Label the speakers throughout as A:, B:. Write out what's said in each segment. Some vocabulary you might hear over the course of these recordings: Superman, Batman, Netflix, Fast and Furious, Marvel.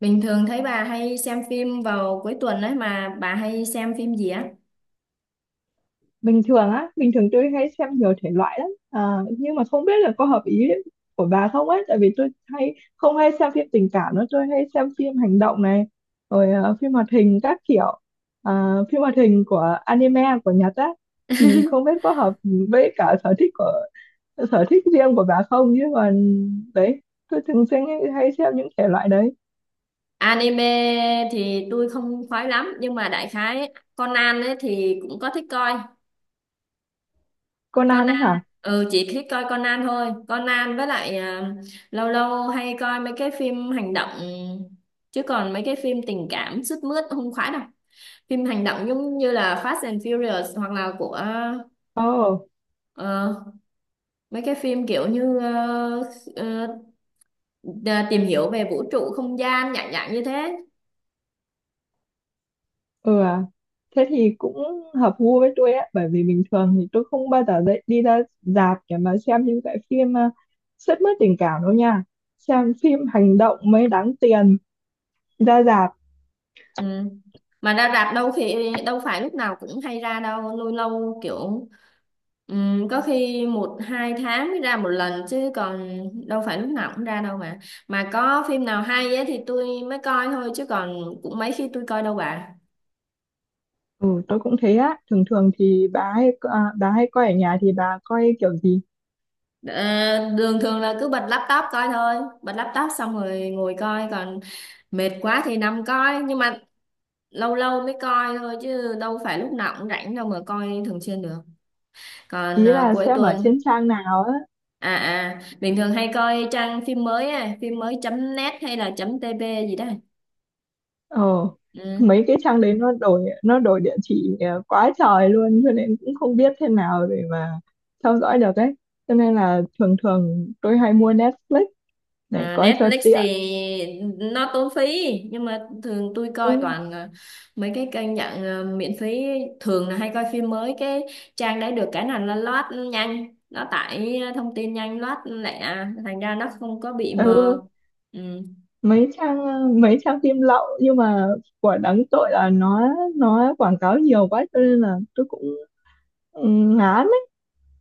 A: Bình thường thấy bà hay xem phim vào cuối tuần ấy, mà bà hay xem phim gì á?
B: Bình thường tôi hay xem nhiều thể loại lắm à, nhưng mà không biết là có hợp ý của bà không ấy, tại vì tôi hay không hay xem phim tình cảm nữa, tôi hay xem phim hành động này rồi, phim hoạt hình các kiểu. À, phim hoạt hình của anime của Nhật á. Thì không biết có hợp với cả sở thích của sở thích riêng của bà không, nhưng mà đấy, tôi thường xuyên hay xem những thể loại đấy.
A: Anime thì tôi không khoái lắm nhưng mà đại khái Conan ấy thì cũng có thích coi.
B: Conan ấy
A: Conan,
B: hả?
A: ừ, chỉ thích coi Conan thôi. Conan với lại lâu lâu hay coi mấy cái phim hành động, chứ còn mấy cái phim tình cảm sướt mướt không khoái đâu. Phim hành động giống như là Fast and Furious hoặc là của
B: Ồ.
A: ờ, mấy cái phim kiểu như ờ, tìm hiểu về vũ trụ không gian, dạng dạng như thế.
B: Ừ à, thế thì cũng hợp gu với tôi á, bởi vì bình thường thì tôi không bao giờ dậy đi ra rạp để mà xem những cái phim sướt mướt tình cảm đâu nha. Xem phim hành động mới đáng tiền ra rạp.
A: Ừ. Mà ra rạp đâu, khi đâu phải lúc nào cũng hay ra đâu, lâu lâu kiểu có khi một hai tháng mới ra một lần, chứ còn đâu phải lúc nào cũng ra đâu, mà có phim nào hay ấy thì tôi mới coi thôi, chứ còn cũng mấy khi tôi coi đâu bà.
B: Ừ, tôi cũng thế á. Thường thường thì bà hay, à, bà hay coi ở nhà thì bà coi kiểu gì?
A: Ờ, đường thường là cứ bật laptop coi thôi, bật laptop xong rồi ngồi coi, còn mệt quá thì nằm coi, nhưng mà lâu lâu mới coi thôi chứ đâu phải lúc nào cũng rảnh đâu mà coi thường xuyên được. Còn
B: Ý là
A: cuối
B: xem ở
A: tuần
B: trên trang nào á.
A: à à bình thường hay coi trang phim mới á, phim mới chấm net hay là chấm tb gì đó.
B: Ờ,
A: Ừ.
B: mấy cái trang đấy nó đổi địa chỉ quá trời luôn, cho nên cũng không biết thế nào để mà theo dõi được ấy, cho nên là thường thường tôi hay mua Netflix để
A: À,
B: coi cho
A: Netflix
B: tiện.
A: thì nó tốn phí, nhưng mà thường tôi
B: Ừ,
A: coi toàn mấy cái kênh dạng miễn phí, thường là hay coi phim mới, cái trang đấy được cái nào là nó load nhanh, nó tải thông tin nhanh, load lẹ, thành ra nó không có bị mờ.
B: ừ,
A: Ừ.
B: mấy trang mấy trang phim lậu, nhưng mà của đáng tội là nó quảng cáo nhiều quá, cho nên là tôi cũng, ừ, ngán ấy.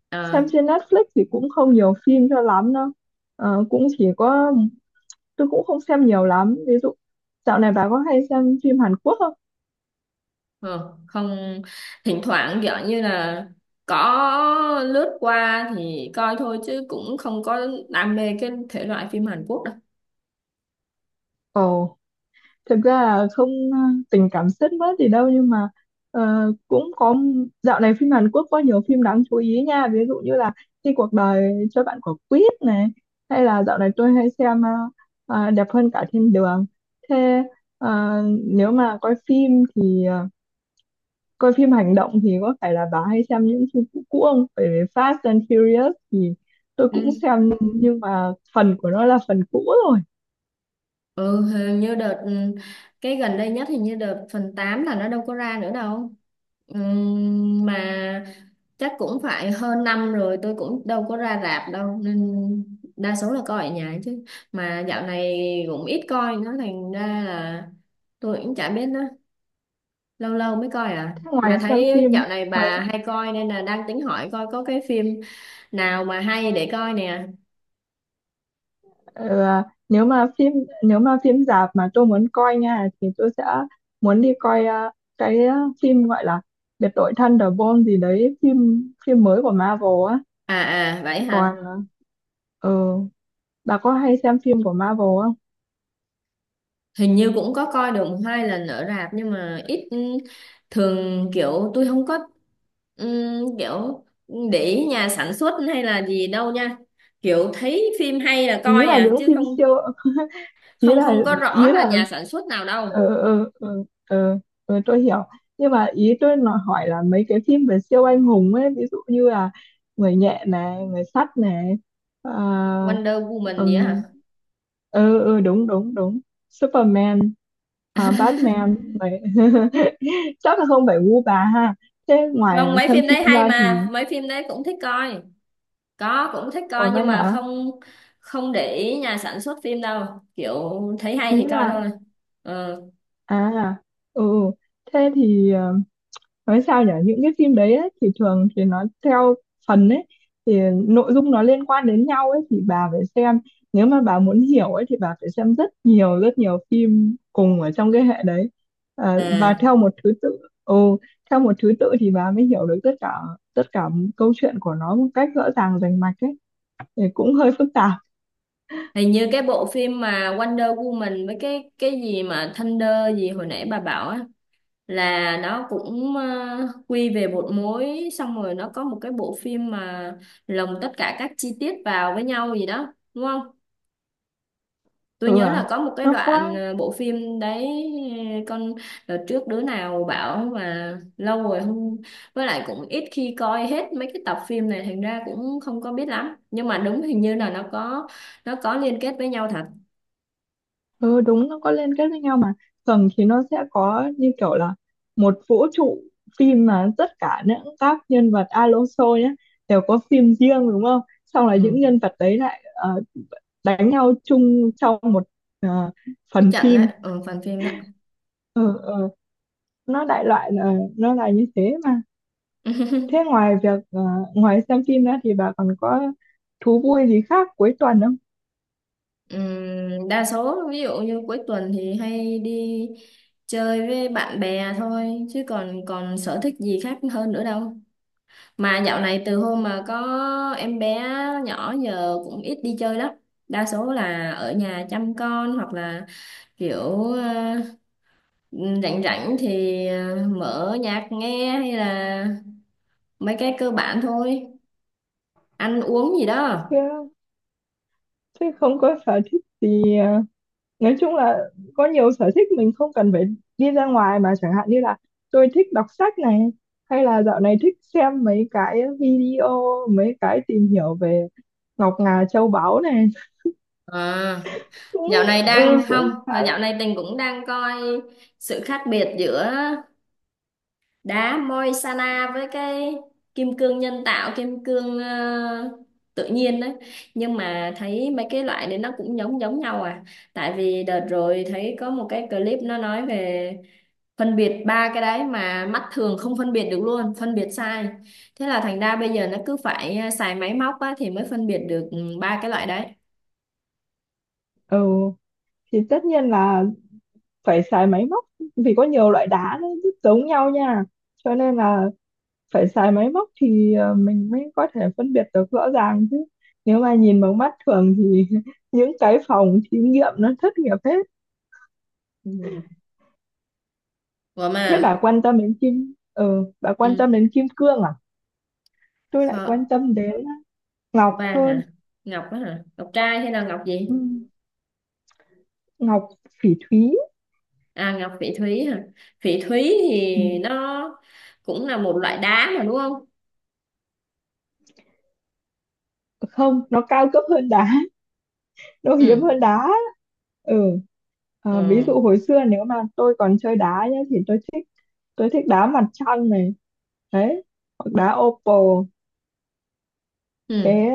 A: Ờ.
B: Xem trên Netflix thì cũng không nhiều phim cho lắm đâu. Ờ, cũng chỉ có, tôi cũng không xem nhiều lắm. Ví dụ dạo này bà có hay xem phim Hàn Quốc không?
A: Ờ, không, thỉnh thoảng kiểu như là có lướt qua thì coi thôi chứ cũng không có đam mê cái thể loại phim Hàn Quốc đâu.
B: Ồ, thực ra là không tình cảm sướt mướt gì đâu, nhưng mà, ờ, cũng có, dạo này phim Hàn Quốc có nhiều phim đáng chú ý nha, ví dụ như là khi cuộc đời cho bạn quả quýt này, hay là dạo này tôi hay xem đẹp hơn cả thiên đường. Thế, ờ, nếu mà coi phim thì, coi phim hành động thì có phải là bà hay xem những phim cũ cũ không? Bởi vì Fast and Furious thì tôi cũng
A: Ừ.
B: xem, nhưng mà phần của nó là phần cũ rồi.
A: Ừ, hình như đợt ừ, cái gần đây nhất hình như đợt phần 8 là nó đâu có ra nữa đâu. Mà chắc cũng phải hơn năm rồi tôi cũng đâu có ra rạp đâu, nên đa số là coi ở nhà chứ. Mà dạo này cũng ít coi nó, thành ra là tôi cũng chả biết nó, lâu lâu mới coi, à
B: Thế
A: mà
B: ngoài xem
A: thấy
B: phim,
A: dạo này
B: ngoài
A: bà hay coi nên là đang tính hỏi coi có cái phim nào mà hay để coi nè.
B: ờ, nếu mà phim, nếu mà phim rạp mà tôi muốn coi nha thì tôi sẽ muốn đi coi, cái ờ, phim gọi là Biệt đội Thunderbolt gì đấy, phim phim mới của Marvel á.
A: À à vậy hả.
B: Còn ờ, bà có hay xem phim của Marvel không?
A: Hình như cũng có coi được một hai lần ở rạp, nhưng mà ít, ừ, thường kiểu tôi không có ừ, kiểu để ý nhà sản xuất hay là gì đâu nha, kiểu thấy phim hay là coi
B: Ý là
A: à
B: những
A: chứ
B: phim
A: không,
B: siêu, ý
A: không
B: là
A: không có rõ
B: ý
A: là
B: là
A: nhà sản xuất nào đâu.
B: ừ, ừ, ừ, ừ, tôi hiểu, nhưng mà ý tôi nói hỏi là mấy cái phim về siêu anh hùng ấy, ví dụ như là người nhện này, người sắt này, à,
A: Wonder Woman gì á hả?
B: ừm, ừ đúng đúng đúng, Superman, à, Batman vậy. Chắc là không phải gu bà ha. Thế ngoài
A: Không, mấy
B: xem
A: phim đấy
B: phim
A: hay,
B: ra thì,
A: mà mấy phim đấy cũng thích coi, có cũng thích
B: ủa
A: coi
B: vậy
A: nhưng mà
B: hả,
A: không, không để ý nhà sản xuất phim đâu, kiểu thấy hay
B: ý
A: thì coi thôi.
B: là
A: Ờ.
B: à ừ thế thì, nói sao nhỉ, những cái phim đấy ấy, thì thường thì nó theo phần ấy, thì nội dung nó liên quan đến nhau ấy, thì bà phải xem, nếu mà bà muốn hiểu ấy thì bà phải xem rất nhiều phim cùng ở trong cái hệ đấy, à, và
A: À,
B: theo một thứ tự. Ừ, theo một thứ tự thì bà mới hiểu được tất cả câu chuyện của nó một cách rõ ràng rành mạch ấy, thì cũng hơi phức tạp.
A: hình như cái bộ phim mà Wonder Woman với cái gì mà Thunder gì hồi nãy bà bảo á, là nó cũng quy về một mối, xong rồi nó có một cái bộ phim mà lồng tất cả các chi tiết vào với nhau gì đó đúng không? Tôi
B: Ừ
A: nhớ là
B: à,
A: có một cái
B: nó
A: đoạn
B: có.
A: bộ phim đấy con, đợt trước đứa nào bảo mà lâu rồi không, với lại cũng ít khi coi hết mấy cái tập phim này, thành ra cũng không có biết lắm, nhưng mà đúng, hình như là nó có, nó có liên kết với nhau thật.
B: Ừ đúng, nó có liên kết với nhau mà. Tầng thì nó sẽ có như kiểu là một vũ trụ phim, mà tất cả những các nhân vật Alonso nhé, đều có phim riêng đúng không, xong là những
A: Ừ.
B: nhân vật đấy lại, đánh nhau chung trong một, ờ,
A: Cái
B: phần
A: trận đấy,
B: phim.
A: ừ, phần phim đó.
B: Ừ, ừ, nó đại loại là nó là như thế mà. Thế ngoài việc ngoài xem phim ra thì bà còn có thú vui gì khác cuối tuần không?
A: Đa số ví dụ như cuối tuần thì hay đi chơi với bạn bè thôi, chứ còn còn sở thích gì khác hơn nữa đâu. Mà dạo này từ hôm mà có em bé nhỏ giờ cũng ít đi chơi lắm. Đa số là ở nhà chăm con, hoặc là kiểu rảnh rảnh thì mở nhạc nghe, hay là mấy cái cơ bản thôi. Ăn uống gì đó.
B: Chứ, chứ không có sở thích gì nói chung là có nhiều sở thích mình không cần phải đi ra ngoài mà, chẳng hạn như là tôi thích đọc sách này, hay là dạo này thích xem mấy cái video, mấy cái tìm hiểu về ngọc ngà châu báu này,
A: À,
B: cũng,
A: dạo này đang
B: ừ,
A: không,
B: cũng khá
A: dạo
B: là,
A: này Tình cũng đang coi sự khác biệt giữa đá moi với cái kim cương nhân tạo, kim cương tự nhiên đấy, nhưng mà thấy mấy cái loại đấy nó cũng giống giống nhau à, tại vì đợt rồi thấy có một cái clip nó nói về phân biệt ba cái đấy mà mắt thường không phân biệt được luôn, phân biệt sai, thế là thành ra bây giờ nó cứ phải xài máy móc á thì mới phân biệt được, ừ, ba cái loại đấy.
B: ừ thì tất nhiên là phải xài máy móc, vì có nhiều loại đá nó rất giống nhau nha, cho nên là phải xài máy móc thì mình mới có thể phân biệt được rõ ràng, chứ nếu mà nhìn bằng mắt thường thì những cái phòng thí nghiệm nó thất nghiệp hết.
A: Ừ. Ủa mà
B: Thế bà quan tâm đến kim ừ bà quan
A: ừ.
B: tâm đến kim cương à? Tôi lại
A: Kho...
B: quan tâm đến ngọc
A: vàng
B: hơn.
A: hả, ngọc á hả, ngọc trai hay là ngọc gì?
B: Ừ, ngọc phỉ thúy.
A: À, ngọc phỉ thúy hả? Phỉ thúy thì
B: Ừ.
A: nó cũng là một loại đá mà đúng không?
B: Không, nó cao cấp hơn đá, nó hiếm
A: Ừ.
B: hơn đá. Ừ à, ví dụ
A: Ừ.
B: hồi xưa nếu mà tôi còn chơi đá nhá thì tôi thích, tôi thích đá mặt trăng này, đấy, hoặc đá opal.
A: Ừ.
B: Thế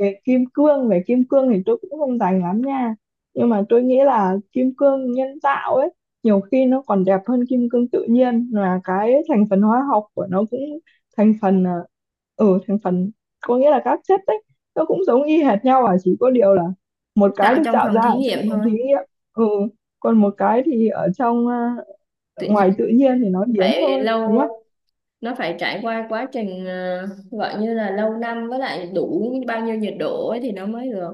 B: về kim cương thì tôi cũng không rành lắm nha. Nhưng mà tôi nghĩ là kim cương nhân tạo ấy, nhiều khi nó còn đẹp hơn kim cương tự nhiên, là cái thành phần hóa học của nó cũng, thành phần, thành phần, có nghĩa là các chất ấy, nó cũng giống y hệt nhau à, chỉ có điều là một cái
A: Tạo
B: được
A: trong
B: tạo
A: phòng
B: ra
A: thí
B: ở trong
A: nghiệm
B: phòng
A: thôi.
B: thí nghiệm. Ừ, còn một cái thì ở trong,
A: Tự
B: ngoài
A: nhiên
B: tự nhiên thì nó hiếm
A: phải
B: hơn đúng
A: lâu,
B: không?
A: nó phải trải qua quá trình gọi như là lâu năm, với lại đủ bao nhiêu nhiệt độ ấy thì nó mới được.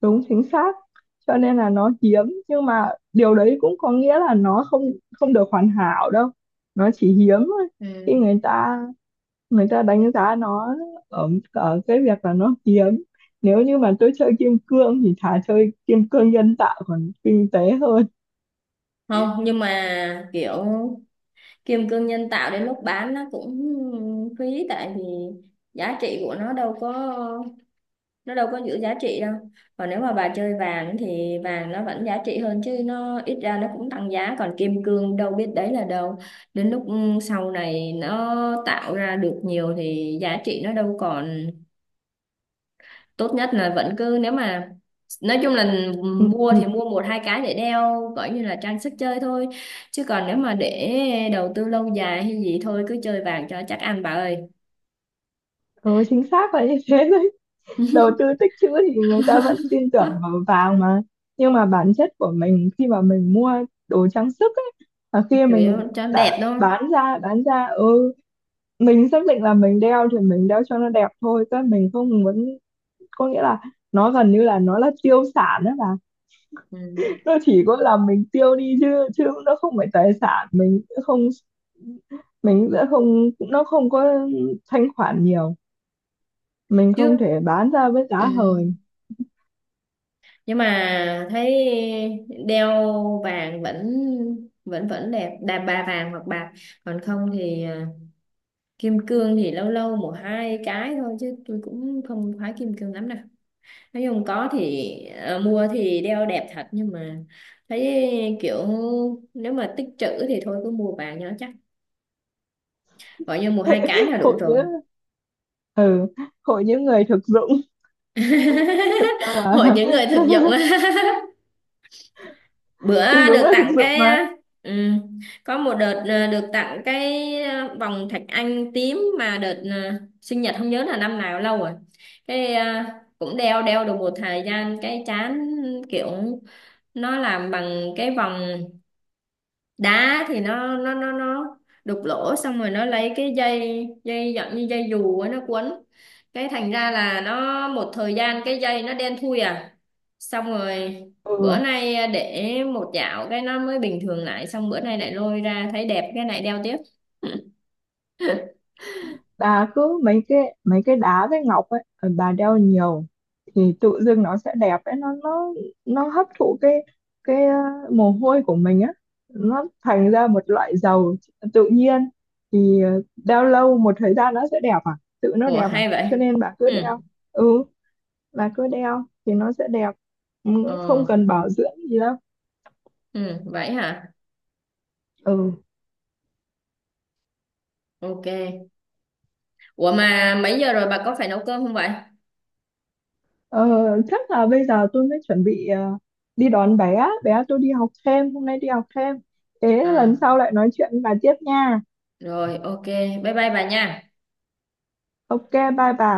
B: Đúng, chính xác, cho nên là nó hiếm, nhưng mà điều đấy cũng có nghĩa là nó không không được hoàn hảo đâu, nó chỉ hiếm thôi. Khi
A: Ừ.
B: người ta đánh giá nó ở cái việc là nó hiếm, nếu như mà tôi chơi kim cương thì thà chơi kim cương nhân tạo còn kinh tế hơn.
A: Không, nhưng mà kiểu kim cương nhân tạo đến lúc bán nó cũng phí, tại vì giá trị của nó đâu có, nó đâu có giữ giá trị đâu. Còn nếu mà bà chơi vàng thì vàng nó vẫn giá trị hơn chứ, nó ít ra nó cũng tăng giá, còn kim cương đâu biết đấy là đâu, đến lúc ừ, sau này nó tạo ra được nhiều thì giá trị nó đâu còn. Tốt nhất là vẫn cứ nếu mà nói chung là
B: Ừ,
A: mua
B: ừ.
A: thì mua một hai cái để đeo coi như là trang sức chơi thôi, chứ còn nếu mà để đầu tư lâu dài hay gì thôi cứ chơi vàng cho chắc ăn bà ơi.
B: Ừ chính xác là như thế, đầu tư tích trữ thì người ta vẫn tin
A: Hứ,
B: tưởng vào vàng mà. Nhưng mà bản chất của mình khi mà mình mua đồ trang sức ấy, là khi
A: chủ yếu
B: mình
A: cho đẹp
B: đã
A: thôi.
B: bán ra, mình xác định là mình đeo thì mình đeo cho nó đẹp thôi, chứ mình không muốn, có nghĩa là nó gần như là nó là tiêu sản, đó là
A: Ừ.
B: nó chỉ có là mình tiêu đi chứ, chứ nó không phải tài sản, mình sẽ không nó không có thanh khoản nhiều, mình
A: Trước
B: không thể bán ra với giá hời.
A: ừ. Nhưng mà thấy đeo vàng vẫn vẫn vẫn đẹp đà bà, vàng hoặc bạc, còn không thì kim cương thì lâu lâu một hai cái thôi chứ tôi cũng không khoái kim cương lắm đâu, nói chung có thì mua thì đeo đẹp thật, nhưng mà thấy kiểu nếu mà tích trữ thì thôi cứ mua vàng cho nó chắc, gọi như mua hai cái là đủ
B: Hội
A: rồi.
B: chứ, ừ, hội những người thực dụng ta
A: Hội
B: là,
A: những người thực dụng. Bữa
B: thì đúng
A: được
B: là thực
A: tặng
B: dụng
A: cái
B: mà.
A: ừ, có một đợt được tặng cái vòng thạch anh tím mà đợt sinh nhật không nhớ là năm nào, lâu rồi, cái cũng đeo đeo được một thời gian cái chán, kiểu nó làm bằng cái vòng đá thì nó đục lỗ xong rồi nó lấy cái dây, dây dạng như dây dù ấy, nó quấn, cái thành ra là nó một thời gian cái dây nó đen thui à, xong rồi bữa
B: Ừ,
A: nay để một dạo cái nó mới bình thường lại, xong bữa nay lại lôi ra thấy đẹp, cái này đeo tiếp.
B: bà cứ mấy cái đá với ngọc ấy, bà đeo nhiều thì tự dưng nó sẽ đẹp ấy, nó hấp thụ cái, cái ờ, mồ hôi của mình á, nó thành ra một loại dầu tự nhiên, thì đeo lâu một thời gian nó sẽ đẹp à, tự nó
A: Ủa
B: đẹp à,
A: hay vậy.
B: cho nên bà cứ
A: Ừ.
B: đeo. Ừ, bà cứ đeo thì nó sẽ đẹp. Ừ,
A: Ờ.
B: không cần bảo dưỡng gì đâu.
A: Ừ, vậy hả.
B: Ừ.
A: Ok. Ủa mà mấy giờ rồi, bà có phải nấu cơm không vậy?
B: Ờ, chắc là bây giờ tôi mới chuẩn bị, đi đón bé, bé tôi đi học thêm, hôm nay đi học thêm. Thế
A: À
B: lần sau lại nói chuyện bà tiếp nha.
A: rồi, ok, bye bye bà nha.
B: Ok, bye bà.